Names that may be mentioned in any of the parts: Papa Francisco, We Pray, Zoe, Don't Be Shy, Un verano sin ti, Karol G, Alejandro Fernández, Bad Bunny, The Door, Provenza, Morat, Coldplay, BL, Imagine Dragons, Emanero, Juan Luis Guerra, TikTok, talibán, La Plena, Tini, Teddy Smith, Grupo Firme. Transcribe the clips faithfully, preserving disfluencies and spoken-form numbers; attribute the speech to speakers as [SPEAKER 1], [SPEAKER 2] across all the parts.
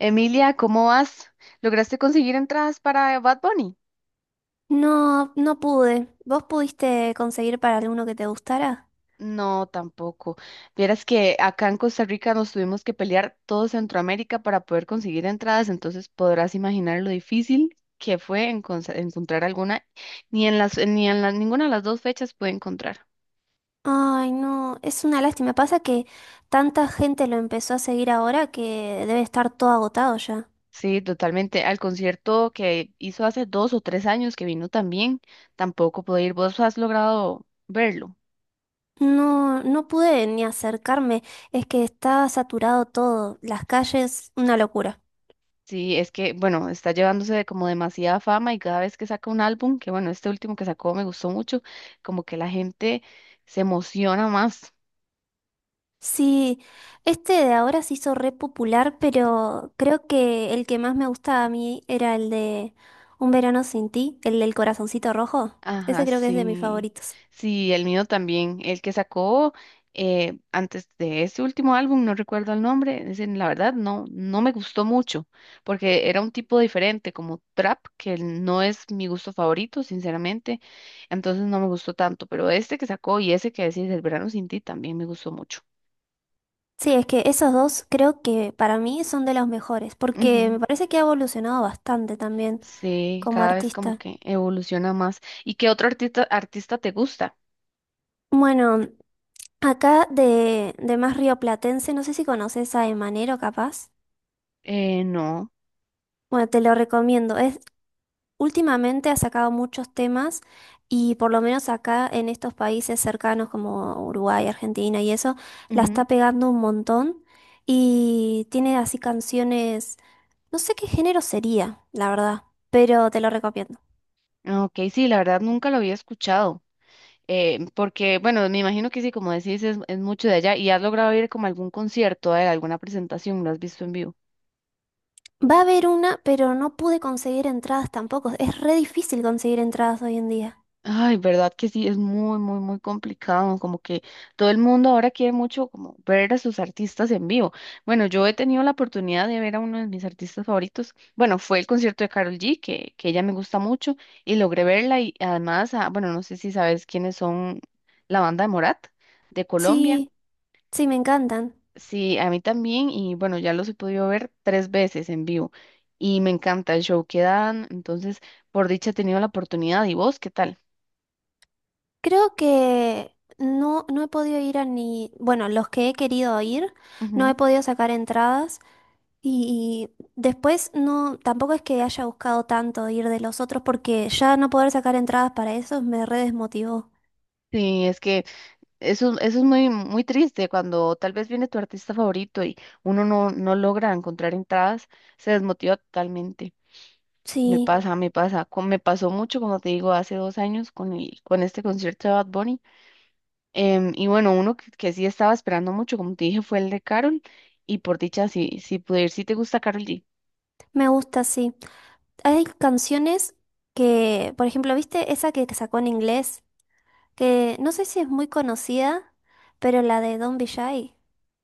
[SPEAKER 1] Emilia, ¿cómo vas? ¿Lograste conseguir entradas para Bad Bunny?
[SPEAKER 2] No, no pude. ¿Vos pudiste conseguir para alguno que te gustara?
[SPEAKER 1] No, tampoco. Vieras que acá en Costa Rica nos tuvimos que pelear todo Centroamérica para poder conseguir entradas, entonces podrás imaginar lo difícil que fue encon- encontrar alguna. Ni en las, ni en la- Ninguna de las dos fechas pude encontrar.
[SPEAKER 2] Ay, no, es una lástima. Pasa que tanta gente lo empezó a seguir ahora que debe estar todo agotado ya.
[SPEAKER 1] Sí, totalmente. Al concierto que hizo hace dos o tres años que vino también, tampoco pude ir. ¿Vos has logrado verlo?
[SPEAKER 2] No, no pude ni acercarme. Es que está saturado todo. Las calles, una locura.
[SPEAKER 1] Sí, es que, bueno, está llevándose de como demasiada fama y cada vez que saca un álbum, que bueno, este último que sacó me gustó mucho, como que la gente se emociona más.
[SPEAKER 2] Sí, este de ahora se hizo re popular, pero creo que el que más me gustaba a mí era el de Un verano sin ti, el del corazoncito rojo.
[SPEAKER 1] Ajá,
[SPEAKER 2] Ese creo que es de mis
[SPEAKER 1] sí.
[SPEAKER 2] favoritos.
[SPEAKER 1] Sí, el mío también. El que sacó eh, antes de ese último álbum, no recuerdo el nombre, es la verdad no, no me gustó mucho, porque era un tipo diferente, como trap, que no es mi gusto favorito, sinceramente, entonces no me gustó tanto, pero este que sacó y ese que decís, El verano sin ti, también me gustó mucho.
[SPEAKER 2] Sí, es que esos dos creo que para mí son de los mejores, porque me
[SPEAKER 1] Ujú.
[SPEAKER 2] parece que ha evolucionado bastante también
[SPEAKER 1] Sí,
[SPEAKER 2] como
[SPEAKER 1] cada vez como
[SPEAKER 2] artista.
[SPEAKER 1] que evoluciona más. ¿Y qué otro artista, artista te gusta?
[SPEAKER 2] Bueno, acá de, de más rioplatense, no sé si conoces a Emanero capaz.
[SPEAKER 1] Eh, no.
[SPEAKER 2] Bueno, te lo recomiendo. Es, últimamente ha sacado muchos temas y por lo menos acá en estos países cercanos como Uruguay, Argentina y eso, la está
[SPEAKER 1] Ujú.
[SPEAKER 2] pegando un montón y tiene así canciones, no sé qué género sería, la verdad, pero te lo recomiendo.
[SPEAKER 1] Ah, ok, sí, la verdad nunca lo había escuchado. Eh, porque, bueno, me imagino que sí, como decís, es, es mucho de allá. ¿Y has logrado ir como a algún concierto, eh, alguna presentación? ¿Lo has visto en vivo?
[SPEAKER 2] Va a haber una, pero no pude conseguir entradas tampoco. Es re difícil conseguir entradas hoy en día.
[SPEAKER 1] Ay, verdad que sí, es muy, muy, muy complicado, como que todo el mundo ahora quiere mucho como ver a sus artistas en vivo. Bueno, yo he tenido la oportunidad de ver a uno de mis artistas favoritos. Bueno, fue el concierto de Karol G, que, que ella me gusta mucho, y logré verla y además, ah, bueno, no sé si sabes quiénes son la banda de Morat de Colombia.
[SPEAKER 2] Sí, sí, me encantan.
[SPEAKER 1] Sí, a mí también, y bueno, ya los he podido ver tres veces en vivo y me encanta el show que dan, entonces, por dicha he tenido la oportunidad. ¿Y vos qué tal?
[SPEAKER 2] Creo que no, no he podido ir a ni... Bueno, los que he querido ir, no
[SPEAKER 1] Ujú.
[SPEAKER 2] he podido sacar entradas. Y, y después no, tampoco es que haya buscado tanto ir de los otros porque ya no poder sacar entradas para esos me re desmotivó.
[SPEAKER 1] Sí, es que Eso, eso es muy, muy triste cuando tal vez viene tu artista favorito y uno no, no logra encontrar entradas, se desmotiva totalmente. Me
[SPEAKER 2] Sí,
[SPEAKER 1] pasa, me pasa. co- Me pasó mucho, como te digo, hace dos años con el, con este concierto de Bad Bunny. Em, y bueno, uno que, que sí estaba esperando mucho, como te dije, fue el de Carol. Y por dicha, sí, sí pude ir. ¿Sí te gusta Carol G?
[SPEAKER 2] me gusta, sí. Hay canciones que, por ejemplo, ¿viste esa que sacó en inglés?, que no sé si es muy conocida, pero la de Don't Be Shy.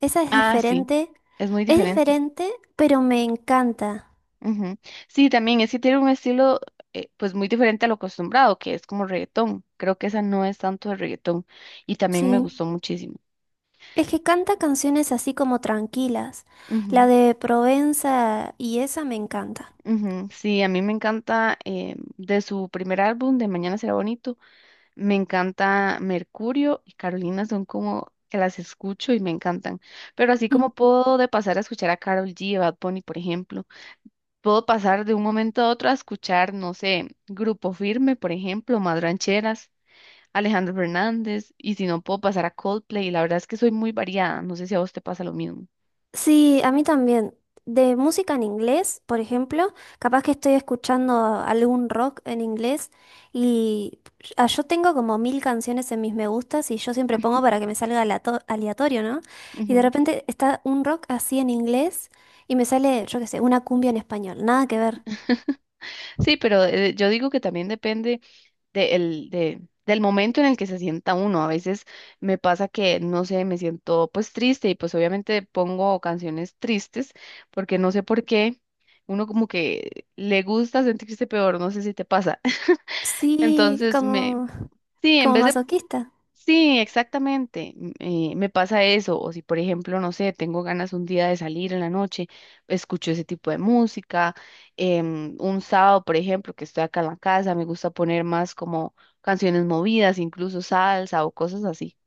[SPEAKER 2] Esa es
[SPEAKER 1] Ah, sí,
[SPEAKER 2] diferente.
[SPEAKER 1] es muy
[SPEAKER 2] Es
[SPEAKER 1] diferente.
[SPEAKER 2] diferente, pero me encanta.
[SPEAKER 1] Ujú. Sí, también es que tiene un estilo eh, pues muy diferente a lo acostumbrado, que es como reggaetón. Creo que esa no es tanto de reggaetón y también me
[SPEAKER 2] Sí.
[SPEAKER 1] gustó muchísimo.
[SPEAKER 2] Es que canta canciones así como tranquilas. La
[SPEAKER 1] Ujú,
[SPEAKER 2] de Provenza y esa me encanta.
[SPEAKER 1] ujú. Sí, a mí me encanta eh, de su primer álbum, de Mañana será bonito, me encanta Mercurio y Carolina son como que las escucho y me encantan. Pero así como puedo de pasar a escuchar a Karol G, a Bad Bunny, por ejemplo, puedo pasar de un momento a otro a escuchar, no sé, Grupo Firme, por ejemplo, Más Rancheras. Alejandro Fernández, y si no puedo pasar a Coldplay, la verdad es que soy muy variada, no sé si a vos te pasa lo mismo.
[SPEAKER 2] Sí, a mí también. De música en inglés, por ejemplo, capaz que estoy escuchando algún rock en inglés y ah, yo tengo como mil canciones en mis me gustas y yo siempre pongo para que me salga alato- aleatorio, ¿no? Y de
[SPEAKER 1] Ujú.
[SPEAKER 2] repente está un rock así en inglés y me sale, yo qué sé, una cumbia en español, nada que ver.
[SPEAKER 1] Sí, pero eh, yo digo que también depende de el- de- del momento en el que se sienta uno. A veces me pasa que, no sé, me siento pues triste y pues obviamente pongo canciones tristes porque no sé por qué uno como que le gusta sentirse peor, no sé si te pasa.
[SPEAKER 2] Sí,
[SPEAKER 1] Entonces me...
[SPEAKER 2] como,
[SPEAKER 1] Sí, en
[SPEAKER 2] como
[SPEAKER 1] vez de
[SPEAKER 2] masoquista.
[SPEAKER 1] sí, exactamente. m- eh, me pasa eso. O si, por ejemplo, no sé, tengo ganas un día de salir en la noche, escucho ese tipo de música. em, un sábado, por ejemplo, que estoy acá en la casa, me gusta poner más como canciones movidas, incluso salsa o cosas así.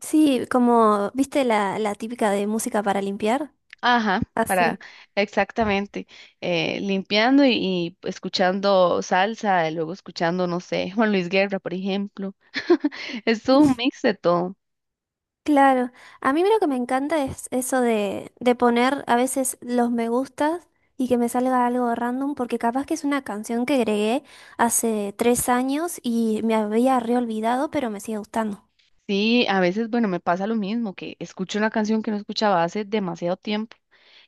[SPEAKER 2] Sí, como, ¿viste la, la típica de música para limpiar?
[SPEAKER 1] Ajá, para,
[SPEAKER 2] Así.
[SPEAKER 1] exactamente. eh, limpiando y, y escuchando salsa, y luego escuchando, no sé, Juan Luis Guerra, por ejemplo. Es todo un mix de todo.
[SPEAKER 2] Claro, a mí lo que me encanta es eso de, de poner a veces los me gustas y que me salga algo random, porque capaz que es una canción que agregué hace tres años y me había reolvidado, pero me sigue gustando.
[SPEAKER 1] Sí, a veces, bueno, me pasa lo mismo, que escucho una canción que no escuchaba hace demasiado tiempo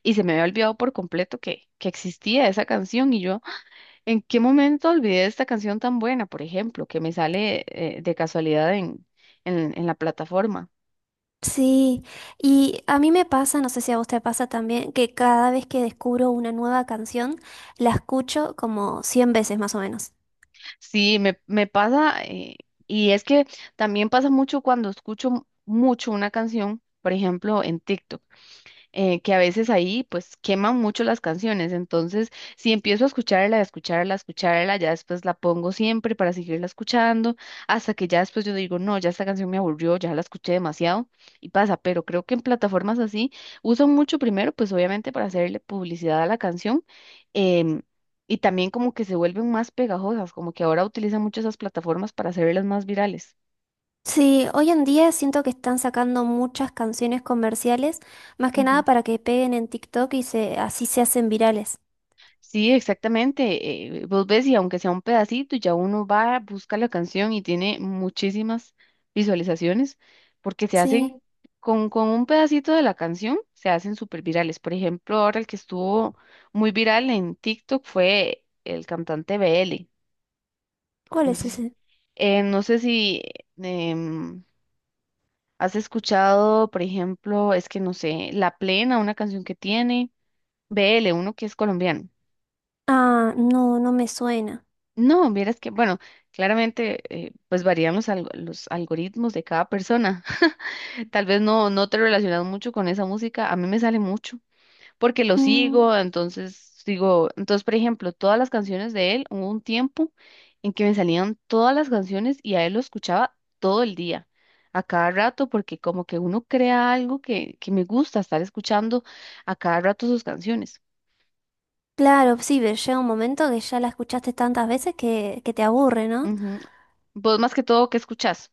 [SPEAKER 1] y se me había olvidado por completo que, que existía esa canción y yo, ¿en qué momento olvidé esta canción tan buena, por ejemplo, que me sale eh, de casualidad en, en, en la plataforma?
[SPEAKER 2] Sí, y a mí me pasa, no sé si a vos te pasa también, que cada vez que descubro una nueva canción, la escucho como cien veces más o menos.
[SPEAKER 1] Sí, me, me pasa, eh, y es que también pasa mucho cuando escucho mucho una canción, por ejemplo, en TikTok. eh, que a veces ahí pues queman mucho las canciones. Entonces, si empiezo a escucharla, a escucharla, a escucharla, ya después la pongo siempre para seguirla escuchando, hasta que ya después yo digo, no, ya esta canción me aburrió, ya la escuché demasiado y pasa. Pero creo que en plataformas así usan mucho primero, pues obviamente para hacerle publicidad a la canción. em, Y también como que se vuelven más pegajosas, como que ahora utilizan mucho esas plataformas para hacerlas más virales.
[SPEAKER 2] Sí, hoy en día siento que están sacando muchas canciones comerciales, más que nada para que peguen en TikTok y se, así se hacen virales.
[SPEAKER 1] Sí, exactamente. eh, vos ves y aunque sea un pedacito, ya uno va, busca la canción y tiene muchísimas visualizaciones porque se hacen
[SPEAKER 2] Sí,
[SPEAKER 1] con, con un pedacito de la canción, se hacen súper virales. Por ejemplo, ahora el que estuvo muy viral en TikTok fue el cantante B L.
[SPEAKER 2] ¿cuál
[SPEAKER 1] No sé,
[SPEAKER 2] es
[SPEAKER 1] si-
[SPEAKER 2] ese?
[SPEAKER 1] eh, no sé si em, has escuchado, por ejemplo, es que no sé, La Plena, una canción que tiene B L, uno que es colombiano.
[SPEAKER 2] Ah, no, no me suena.
[SPEAKER 1] No, vieras que, bueno, claramente eh, pues varían los, alg- los algoritmos de cada persona. Tal vez no, no te relacionas mucho con esa música, a mí me sale mucho, porque lo
[SPEAKER 2] Mm,
[SPEAKER 1] sigo, entonces sigo, entonces por ejemplo, todas las canciones de él, hubo un tiempo en que me salían todas las canciones y a él lo escuchaba todo el día, a cada rato, porque como que uno crea algo que, que me gusta estar escuchando a cada rato sus canciones.
[SPEAKER 2] claro, sí, pero llega un momento que ya la escuchaste tantas veces que, que te aburre, ¿no?
[SPEAKER 1] Ujú. Vos más que todo, ¿qué escuchás?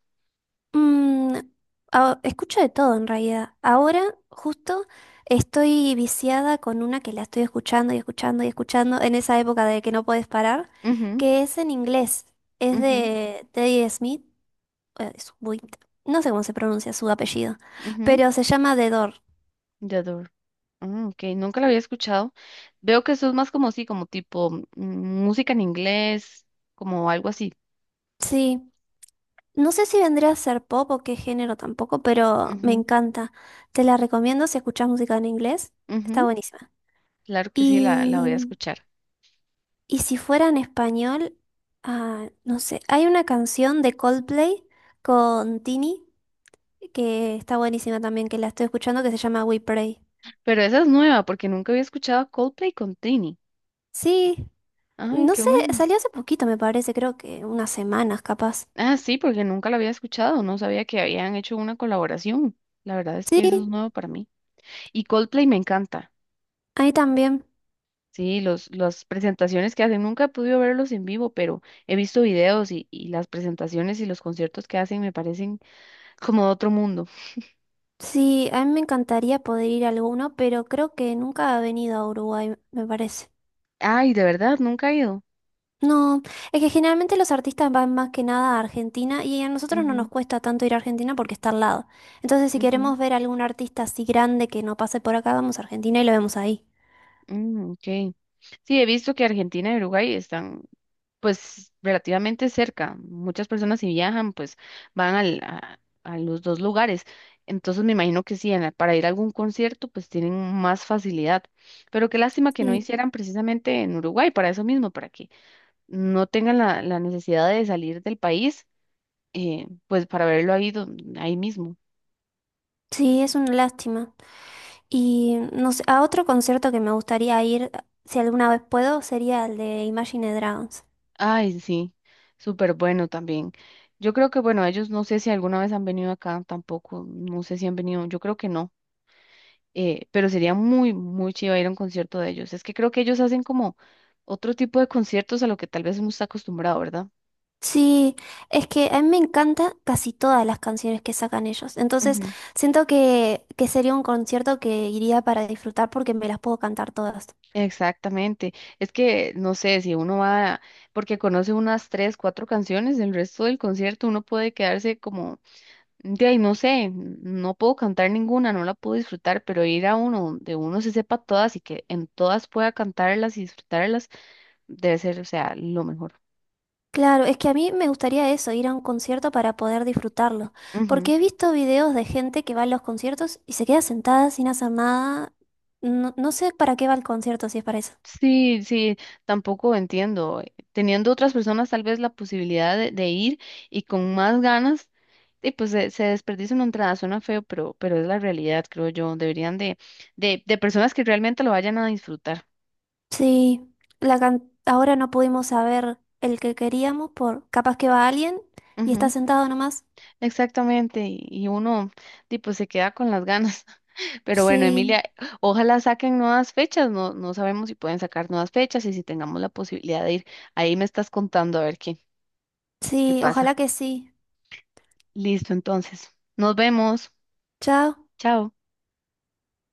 [SPEAKER 2] Mm, a- escucho de todo en realidad. Ahora, justo, estoy viciada con una que la estoy escuchando y escuchando y escuchando en esa época de que no puedes parar,
[SPEAKER 1] Ujú,
[SPEAKER 2] que es en inglés. Es
[SPEAKER 1] ujú,
[SPEAKER 2] de Teddy Smith, eh, Swift. No sé cómo se pronuncia su apellido,
[SPEAKER 1] ujú.
[SPEAKER 2] pero se llama The Door.
[SPEAKER 1] Yador. Mm, ok, nunca la había escuchado. Veo que eso es más como sí, como tipo mm, música en inglés, como algo así.
[SPEAKER 2] Sí, no sé si vendría a ser pop o qué género tampoco, pero me
[SPEAKER 1] Ujú,
[SPEAKER 2] encanta. Te la recomiendo si escuchas música en inglés. Está
[SPEAKER 1] ujú,
[SPEAKER 2] buenísima.
[SPEAKER 1] claro que sí, la, la
[SPEAKER 2] Y
[SPEAKER 1] voy a escuchar.
[SPEAKER 2] Y si fuera en español, ah, no sé, hay una canción de Coldplay con Tini que está buenísima también, que la estoy escuchando, que se llama We Pray.
[SPEAKER 1] Pero esa es nueva, porque nunca había escuchado a Coldplay con Tini.
[SPEAKER 2] Sí,
[SPEAKER 1] Ay,
[SPEAKER 2] no
[SPEAKER 1] qué
[SPEAKER 2] sé,
[SPEAKER 1] bueno.
[SPEAKER 2] salió hace poquito, me parece, creo que unas semanas capaz.
[SPEAKER 1] Ah, sí, porque nunca la había escuchado. No sabía que habían hecho una colaboración. La verdad es
[SPEAKER 2] Sí,
[SPEAKER 1] que eso es nuevo para mí. Y Coldplay me encanta.
[SPEAKER 2] ahí también.
[SPEAKER 1] Sí, los, las presentaciones que hacen, nunca he podido verlos en vivo, pero he visto videos y, y las presentaciones y los conciertos que hacen me parecen como de otro mundo.
[SPEAKER 2] Sí, a mí me encantaría poder ir a alguno, pero creo que nunca ha venido a Uruguay, me parece.
[SPEAKER 1] Ay, de verdad, nunca he ido.
[SPEAKER 2] No, es que generalmente los artistas van más que nada a Argentina y a nosotros no nos
[SPEAKER 1] Ujú,
[SPEAKER 2] cuesta tanto ir a Argentina porque está al lado. Entonces, si
[SPEAKER 1] ujú,
[SPEAKER 2] queremos ver algún artista así grande que no pase por acá, vamos a Argentina y lo vemos ahí.
[SPEAKER 1] mm, ok. Sí, he visto que Argentina y Uruguay están pues relativamente cerca. Muchas personas si viajan pues van al, a, a los dos lugares. Entonces me imagino que sí, en la- para ir a algún concierto pues tienen más facilidad. Pero qué lástima que no
[SPEAKER 2] Sí,
[SPEAKER 1] hicieran precisamente en Uruguay, para eso mismo, para que no tengan la, la necesidad de salir del país, eh, pues para verlo ahí, don- ahí mismo.
[SPEAKER 2] sí, es una lástima. Y no sé, a otro concierto que me gustaría ir, si alguna vez puedo, sería el de Imagine Dragons.
[SPEAKER 1] Ay, sí, súper bueno también. Yo creo que, bueno, ellos no sé si alguna vez han venido acá tampoco, no sé si han venido, yo creo que no, eh, pero sería muy, muy chido ir a un concierto de ellos. Es que creo que ellos hacen como otro tipo de conciertos a lo que tal vez uno está acostumbrado, ¿verdad?
[SPEAKER 2] Sí, es que a mí me encanta casi todas las canciones que sacan ellos. Entonces,
[SPEAKER 1] Ujú.
[SPEAKER 2] siento que, que sería un concierto que iría para disfrutar porque me las puedo cantar todas.
[SPEAKER 1] Exactamente. Es que, no sé, si uno va, porque conoce unas tres, cuatro canciones, el resto del concierto uno puede quedarse como de ahí no sé, no puedo cantar ninguna, no la puedo disfrutar, pero ir a uno donde uno se sepa todas y que en todas pueda cantarlas y disfrutarlas, debe ser, o sea, lo mejor.
[SPEAKER 2] Claro, es que a mí me gustaría eso, ir a un concierto para poder disfrutarlo,
[SPEAKER 1] Ujú.
[SPEAKER 2] porque he visto videos de gente que va a los conciertos y se queda sentada sin hacer nada. No, no sé para qué va el concierto si es para eso.
[SPEAKER 1] Sí, sí, tampoco entiendo. eh, Teniendo otras personas tal vez la posibilidad de, de ir y con más ganas, y pues se, se desperdicia una entrada, suena feo, pero, pero es la realidad, creo yo. Deberían de, de, de personas que realmente lo vayan a disfrutar.
[SPEAKER 2] Sí, la can- ahora no pudimos saber el que queríamos por capaz que va alguien y está sentado nomás.
[SPEAKER 1] Exactamente, y y uno tipo se queda con las ganas. Pero bueno,
[SPEAKER 2] Sí,
[SPEAKER 1] Emilia, ojalá saquen nuevas fechas, no, no sabemos si pueden sacar nuevas fechas y si tengamos la posibilidad de ir. Ahí me estás contando a ver qué, qué
[SPEAKER 2] sí,
[SPEAKER 1] pasa.
[SPEAKER 2] ojalá que sí.
[SPEAKER 1] Listo, entonces, nos vemos.
[SPEAKER 2] Chao.
[SPEAKER 1] Chao.